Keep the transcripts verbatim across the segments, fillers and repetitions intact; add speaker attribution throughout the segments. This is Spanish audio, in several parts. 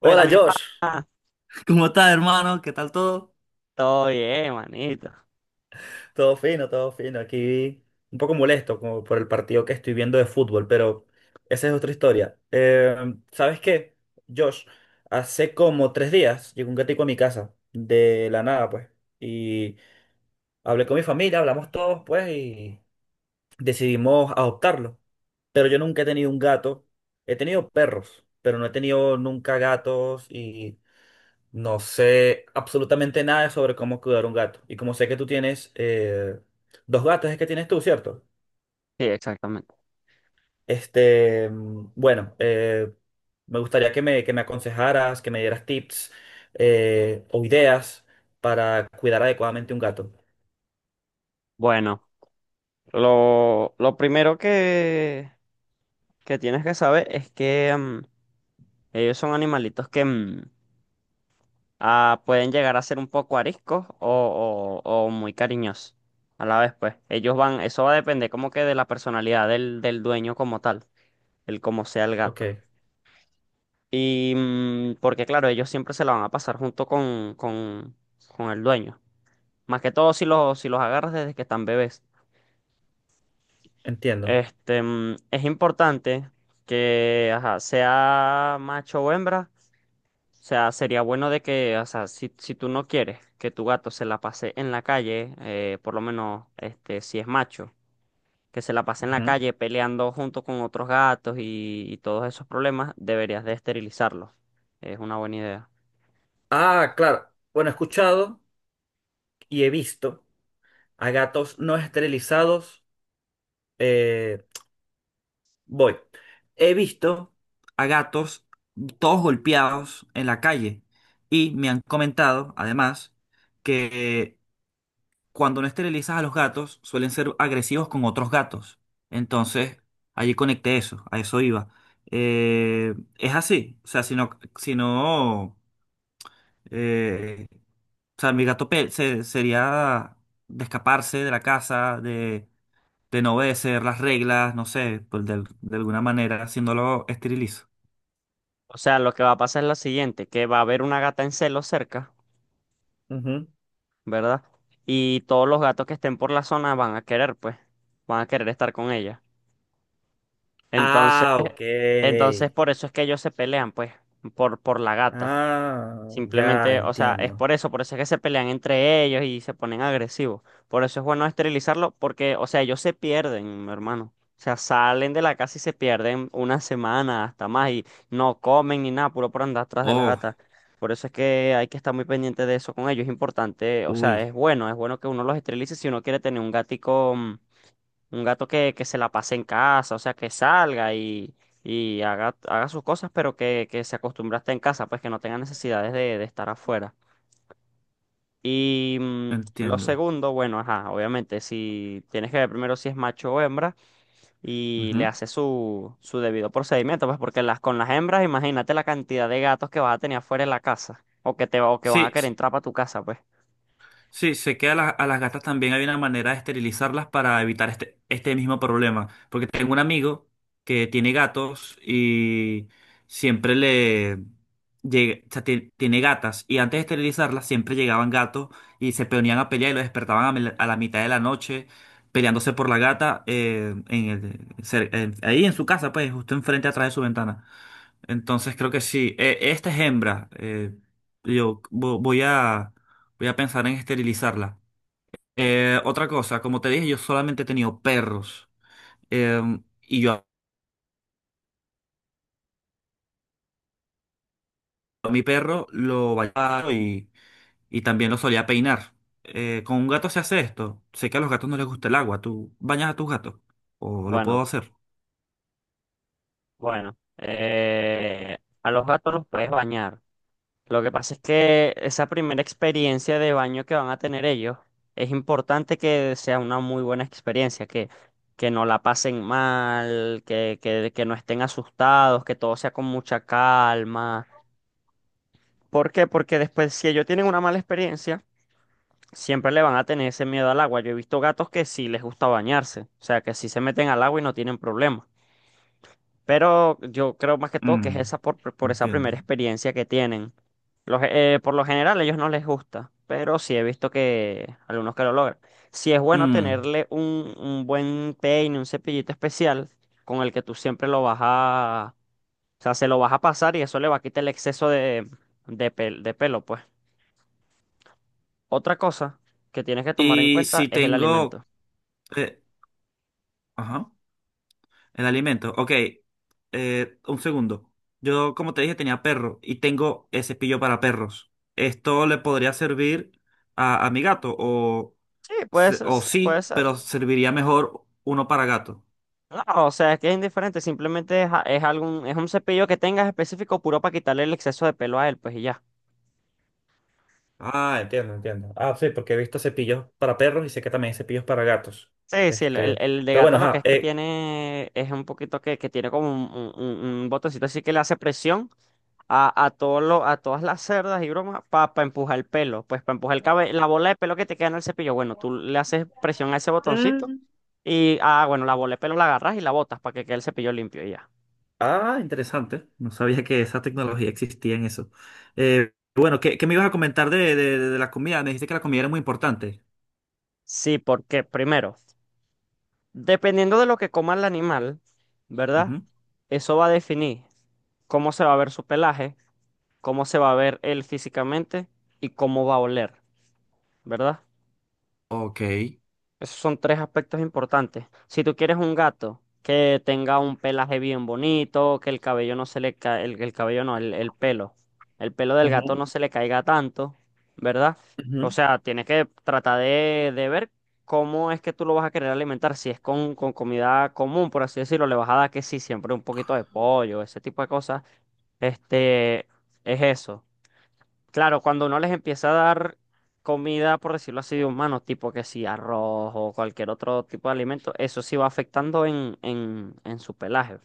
Speaker 1: Bueno,
Speaker 2: Hola,
Speaker 1: mi
Speaker 2: Josh.
Speaker 1: pana,
Speaker 2: ¿Cómo estás, hermano? ¿Qué tal todo?
Speaker 1: todo bien, manito.
Speaker 2: Todo fino, todo fino. Aquí un poco molesto como por el partido que estoy viendo de fútbol, pero esa es otra historia. Eh, ¿sabes qué, Josh? Hace como tres días llegó un gatico a mi casa, de la nada, pues. Y hablé con mi familia, hablamos todos, pues, y decidimos adoptarlo. Pero yo nunca he tenido un gato. He tenido perros, pero no he tenido nunca gatos y no sé absolutamente nada sobre cómo cuidar un gato. Y como sé que tú tienes eh, dos gatos, es que tienes tú, ¿cierto?
Speaker 1: Sí, exactamente.
Speaker 2: Este, mm, bueno, eh, me gustaría que me, que me aconsejaras, que me dieras tips eh, o ideas para cuidar adecuadamente un gato.
Speaker 1: Bueno, lo, lo primero que, que tienes que saber es que mm, ellos son animalitos que mm, ah, pueden llegar a ser un poco ariscos o, o- o muy cariñosos a la vez, pues. Ellos van, eso va a depender como que de la personalidad del, del dueño como tal, el como sea el
Speaker 2: Ok,
Speaker 1: gato. Y mm, porque claro, ellos siempre se la van a pasar junto con, con, con el dueño. Más que todo si los, si los agarras desde que están bebés.
Speaker 2: entiendo.
Speaker 1: Este, mm, es importante que, ajá, sea macho o hembra. O sea, sería bueno de que, o sea, si, si tú no quieres que tu gato se la pase en la calle, eh, por lo menos, este, si es macho, que se la pase en la
Speaker 2: Ujú.
Speaker 1: calle peleando junto con otros gatos y, y todos esos problemas, deberías de esterilizarlo. Es una buena idea.
Speaker 2: Ah, claro. Bueno, he escuchado y he visto a gatos no esterilizados. eh, Voy. He visto a gatos todos golpeados en la calle y me han comentado, además, que cuando no esterilizas a los gatos suelen ser agresivos con otros gatos. Entonces, allí conecté eso, a eso iba. Eh, es así, o sea, si no, si no, eh, o sea, mi gato pe- se- sería de escaparse de la casa, de de no obedecer las reglas, no sé, pues de, de alguna manera haciéndolo esterilizo.
Speaker 1: O sea, lo que va a pasar es lo siguiente, que va a haber una gata en celo cerca.
Speaker 2: Ujú.
Speaker 1: ¿Verdad? Y todos los gatos que estén por la zona van a querer, pues, van a querer estar con ella. Entonces,
Speaker 2: Ah, ok.
Speaker 1: entonces por eso es que ellos se pelean, pues, por, por la gata.
Speaker 2: Ah, ya
Speaker 1: Simplemente, o sea, es
Speaker 2: entiendo.
Speaker 1: por eso, por eso es que se pelean entre ellos y se ponen agresivos. Por eso es bueno esterilizarlo, porque, o sea, ellos se pierden, mi hermano. O sea, salen de la casa y se pierden una semana hasta más y no comen ni nada, puro por andar atrás de la
Speaker 2: Oh,
Speaker 1: gata. Por eso es que hay que estar muy pendiente de eso con ellos. Es importante, o sea, es
Speaker 2: uy,
Speaker 1: bueno, es bueno que uno los esterilice si uno quiere tener un gatico mm, un gato que, que se la pase en casa, o sea, que salga y, y haga, haga sus cosas, pero que, que se acostumbre a estar en casa, pues que no tenga necesidades de, de estar afuera. Y mm, lo
Speaker 2: entiendo.
Speaker 1: segundo, bueno, ajá, obviamente, si tienes que ver primero si es macho o hembra y le
Speaker 2: Ujú.
Speaker 1: haces su, su debido procedimiento, pues porque las, con las hembras, imagínate la cantidad de gatos que vas a tener afuera en la casa o que te va- o que van a
Speaker 2: Sí,
Speaker 1: querer entrar para tu casa, pues.
Speaker 2: sí, sé que a, la- a las gatas también hay una manera de esterilizarlas para evitar este, este mismo problema. Porque tengo un amigo que tiene gatos y siempre le... llega- o sea, tie- tiene gatas y antes de esterilizarlas siempre llegaban gatos y se ponían a pelear y lo despertaban a, mel- a la mitad de la noche peleándose por la gata, eh, en el- cer- en- ahí en su casa, pues justo enfrente atrás de su ventana. Entonces creo que sí. Eh, esta es hembra. Eh, yo vo- voy a, voy a pensar en esterilizarla. Eh, otra cosa, como te dije, yo solamente he tenido perros. Eh, y yo a mi perro lo bañaba y, y también lo solía peinar. Eh, ¿con un gato se hace esto? Sé que a los gatos no les gusta el agua. ¿Tú bañas a tus gatos? ¿O lo puedo
Speaker 1: Bueno,
Speaker 2: hacer?
Speaker 1: bueno, eh, a los gatos los puedes bañar. Lo que pasa es que esa primera experiencia de baño que van a tener ellos, es importante que sea una muy buena experiencia, que, que no la pasen mal, que, que, que no estén asustados, que todo sea con mucha calma. ¿Por qué? Porque después, si ellos tienen una mala experiencia, siempre le van a tener ese miedo al agua. Yo he visto gatos que sí les gusta bañarse, o sea, que sí se meten al agua y no tienen problema. Pero yo creo más que todo que es esa
Speaker 2: Mm,
Speaker 1: por, por esa primera
Speaker 2: entiendo.
Speaker 1: experiencia que tienen. Los, eh, por lo general a ellos no les gusta, pero sí he visto que algunos que lo logran. Sí es bueno
Speaker 2: Mm,
Speaker 1: tenerle un, un buen peine, un cepillito especial con el que tú siempre lo vas a... O sea, se lo vas a pasar y eso le va a quitar el exceso de, de, pel- de pelo, pues. Otra cosa que tienes que tomar en
Speaker 2: Y
Speaker 1: cuenta
Speaker 2: si
Speaker 1: es el
Speaker 2: tengo,
Speaker 1: alimento.
Speaker 2: eh, ajá. El alimento. Ok. Eh, un segundo. Yo, como te dije, tenía perro y tengo el cepillo para perros. ¿Esto le podría servir a, a mi gato? O,
Speaker 1: Sí, puede
Speaker 2: se-
Speaker 1: ser,
Speaker 2: o
Speaker 1: puede
Speaker 2: sí,
Speaker 1: ser.
Speaker 2: pero serviría mejor uno para gato.
Speaker 1: No, o sea, es que es indiferente, simplemente es, a- es algún, es un cepillo que tengas específico puro para quitarle el exceso de pelo a él, pues y ya.
Speaker 2: Ah, entiendo, entiendo. Ah, sí, porque he visto cepillos para perros y sé que también hay cepillos para gatos.
Speaker 1: Sí, sí, el, el,
Speaker 2: Este,
Speaker 1: el de
Speaker 2: pero
Speaker 1: gato
Speaker 2: bueno,
Speaker 1: lo que
Speaker 2: ajá.
Speaker 1: es que
Speaker 2: Eh,
Speaker 1: tiene es un poquito que, que tiene como un, un, un- un botoncito así que le hace presión a, a, todo lo- a todas las cerdas y bromas para empujar el pelo, pues para empujar el cabe- la bola de pelo que te queda en el cepillo. Bueno, tú le haces presión a ese botoncito
Speaker 2: mm.
Speaker 1: y, ah, bueno, la bola de pelo la agarras y la botas para que quede el cepillo limpio y ya.
Speaker 2: Ah, interesante. No sabía que esa tecnología existía en eso. Eh, bueno, ¿qué, qué me ibas a comentar de, de- de la comida? Me dijiste que la comida era muy importante.
Speaker 1: Sí, porque primero. Dependiendo de lo que coma el animal, ¿verdad?
Speaker 2: Ujú.
Speaker 1: Eso va a definir cómo se va a ver su pelaje, cómo se va a ver él físicamente y cómo va a oler, ¿verdad?
Speaker 2: Ok.
Speaker 1: Esos son tres aspectos importantes. Si tú quieres un gato que tenga un pelaje bien bonito, que el cabello no se le ca- el, el cabello no, el, el pelo, el pelo del gato
Speaker 2: Ujú,
Speaker 1: no se le caiga tanto, ¿verdad? O
Speaker 2: ujú.
Speaker 1: sea, tienes que tratar de, de ver cómo es que tú lo vas a querer alimentar. Si es con, con comida común, por así decirlo, le vas a dar que sí, siempre un poquito de pollo, ese tipo de cosas. Este, es eso. Claro, cuando uno les empieza a dar comida, por decirlo así, de humano, tipo que si arroz o cualquier otro tipo de alimento, eso sí va afectando en, en, en su pelaje.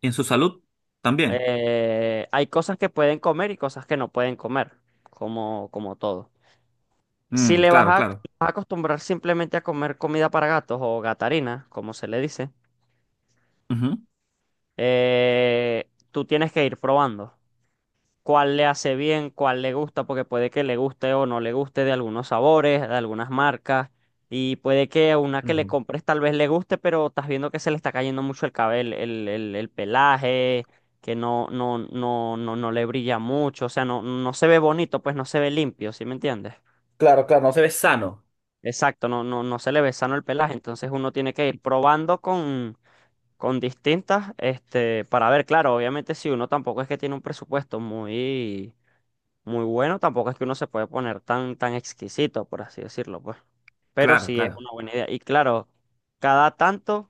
Speaker 2: ¿Y en su salud? También.
Speaker 1: Eh, hay cosas que pueden comer y cosas que no pueden comer, como, como todo. Si
Speaker 2: Mm,
Speaker 1: le vas a,
Speaker 2: claro, claro.
Speaker 1: vas a acostumbrar simplemente a comer comida para gatos o gatarina, como se le dice,
Speaker 2: Ujú.
Speaker 1: eh, tú tienes que ir probando cuál le hace bien, cuál le gusta, porque puede que le guste o no le guste de algunos sabores, de algunas marcas, y puede que una que le
Speaker 2: Mm.
Speaker 1: compres tal vez le guste, pero estás viendo que se le está cayendo mucho el cabello, el, el- el pelaje, que no, no, no, no, no le brilla mucho, o sea, no, no se ve bonito, pues no se ve limpio, ¿sí me entiendes?
Speaker 2: Claro, claro, no se ve sano.
Speaker 1: Exacto, no, no, no se le ve sano el pelaje, entonces uno tiene que ir probando con, con distintas, este, para ver, claro, obviamente si uno tampoco es que tiene un presupuesto muy muy bueno, tampoco es que uno se puede poner tan, tan exquisito, por así decirlo, pues. Pero
Speaker 2: Claro,
Speaker 1: sí es
Speaker 2: claro.
Speaker 1: una buena idea. Y claro, cada tanto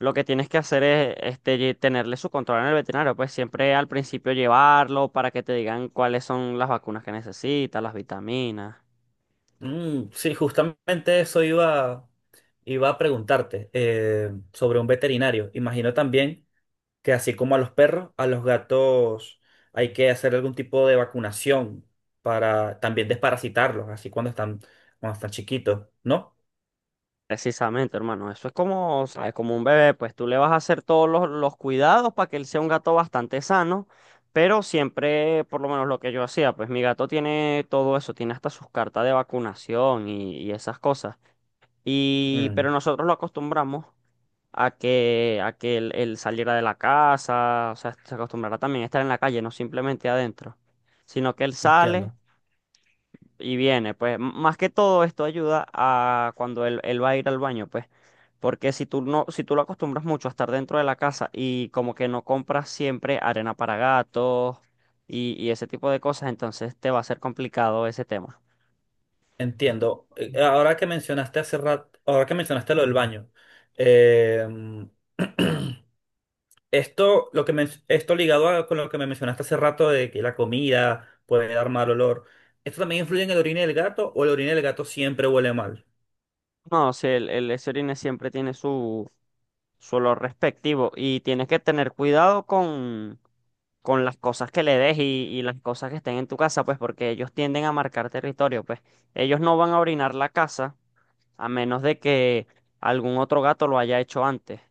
Speaker 1: lo que tienes que hacer es este, lle- tenerle su control en el veterinario, pues siempre al principio llevarlo para que te digan cuáles son las vacunas que necesita, las vitaminas.
Speaker 2: Mm, sí, justamente eso iba, iba a preguntarte eh, sobre un veterinario. Imagino también que así como a los perros, a los gatos hay que hacer algún tipo de vacunación para también desparasitarlos, así cuando están, cuando están chiquitos, ¿no?
Speaker 1: Precisamente, hermano, eso es como, ¿sabes? Como un bebé, pues tú le vas a hacer todos los, los cuidados para que él sea un gato bastante sano, pero siempre, por lo menos lo que yo hacía, pues mi gato tiene todo eso, tiene hasta sus cartas de vacunación y, y esas cosas. Y, pero
Speaker 2: Mm,
Speaker 1: nosotros lo acostumbramos a que, a que él, él saliera de la casa, o sea, se acostumbrara también a estar en la calle, no simplemente adentro, sino que él sale
Speaker 2: entiendo.
Speaker 1: y viene, pues m- más que todo esto ayuda a cuando él, él va a ir al baño, pues, porque si tú no, si tú lo acostumbras mucho a estar dentro de la casa y como que no compras siempre arena para gatos y, y ese tipo de cosas, entonces te va a ser complicado ese tema.
Speaker 2: Entiendo. Eh, Ahora que mencionaste hace rato, ahora que mencionaste lo del baño, eh, esto, lo que men- esto ligado a, con lo que me mencionaste hace rato de que la comida puede dar mal olor, ¿esto también influye en el orine del gato o el orine del gato siempre huele mal?
Speaker 1: No, si el, el ese orine siempre tiene su, su olor respectivo y tienes que tener cuidado con, con las cosas que le des y, y las cosas que estén en tu casa, pues, porque ellos tienden a marcar territorio, pues, ellos no van a orinar la casa a menos de que algún otro gato lo haya hecho antes,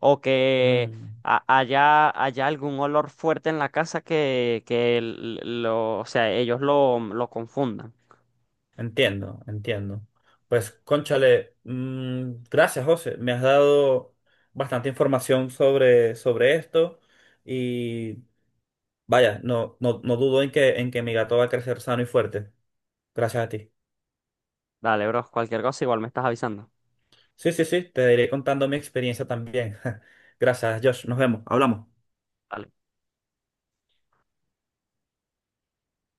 Speaker 1: o que
Speaker 2: Mm,
Speaker 1: a- haya, haya algún olor fuerte en la casa que, que l- lo, o sea, ellos lo, lo confundan.
Speaker 2: entiendo, entiendo. Pues, cónchale, mm, gracias, José. Me has dado bastante información sobre, sobre esto, y vaya, no, no, no dudo en que, en que mi gato va a crecer sano y fuerte. Gracias a ti.
Speaker 1: Dale, bro, cualquier cosa igual me estás avisando.
Speaker 2: Sí, sí, sí, te iré contando mi experiencia también. Gracias, Josh. Nos vemos. Hablamos.
Speaker 1: Dale.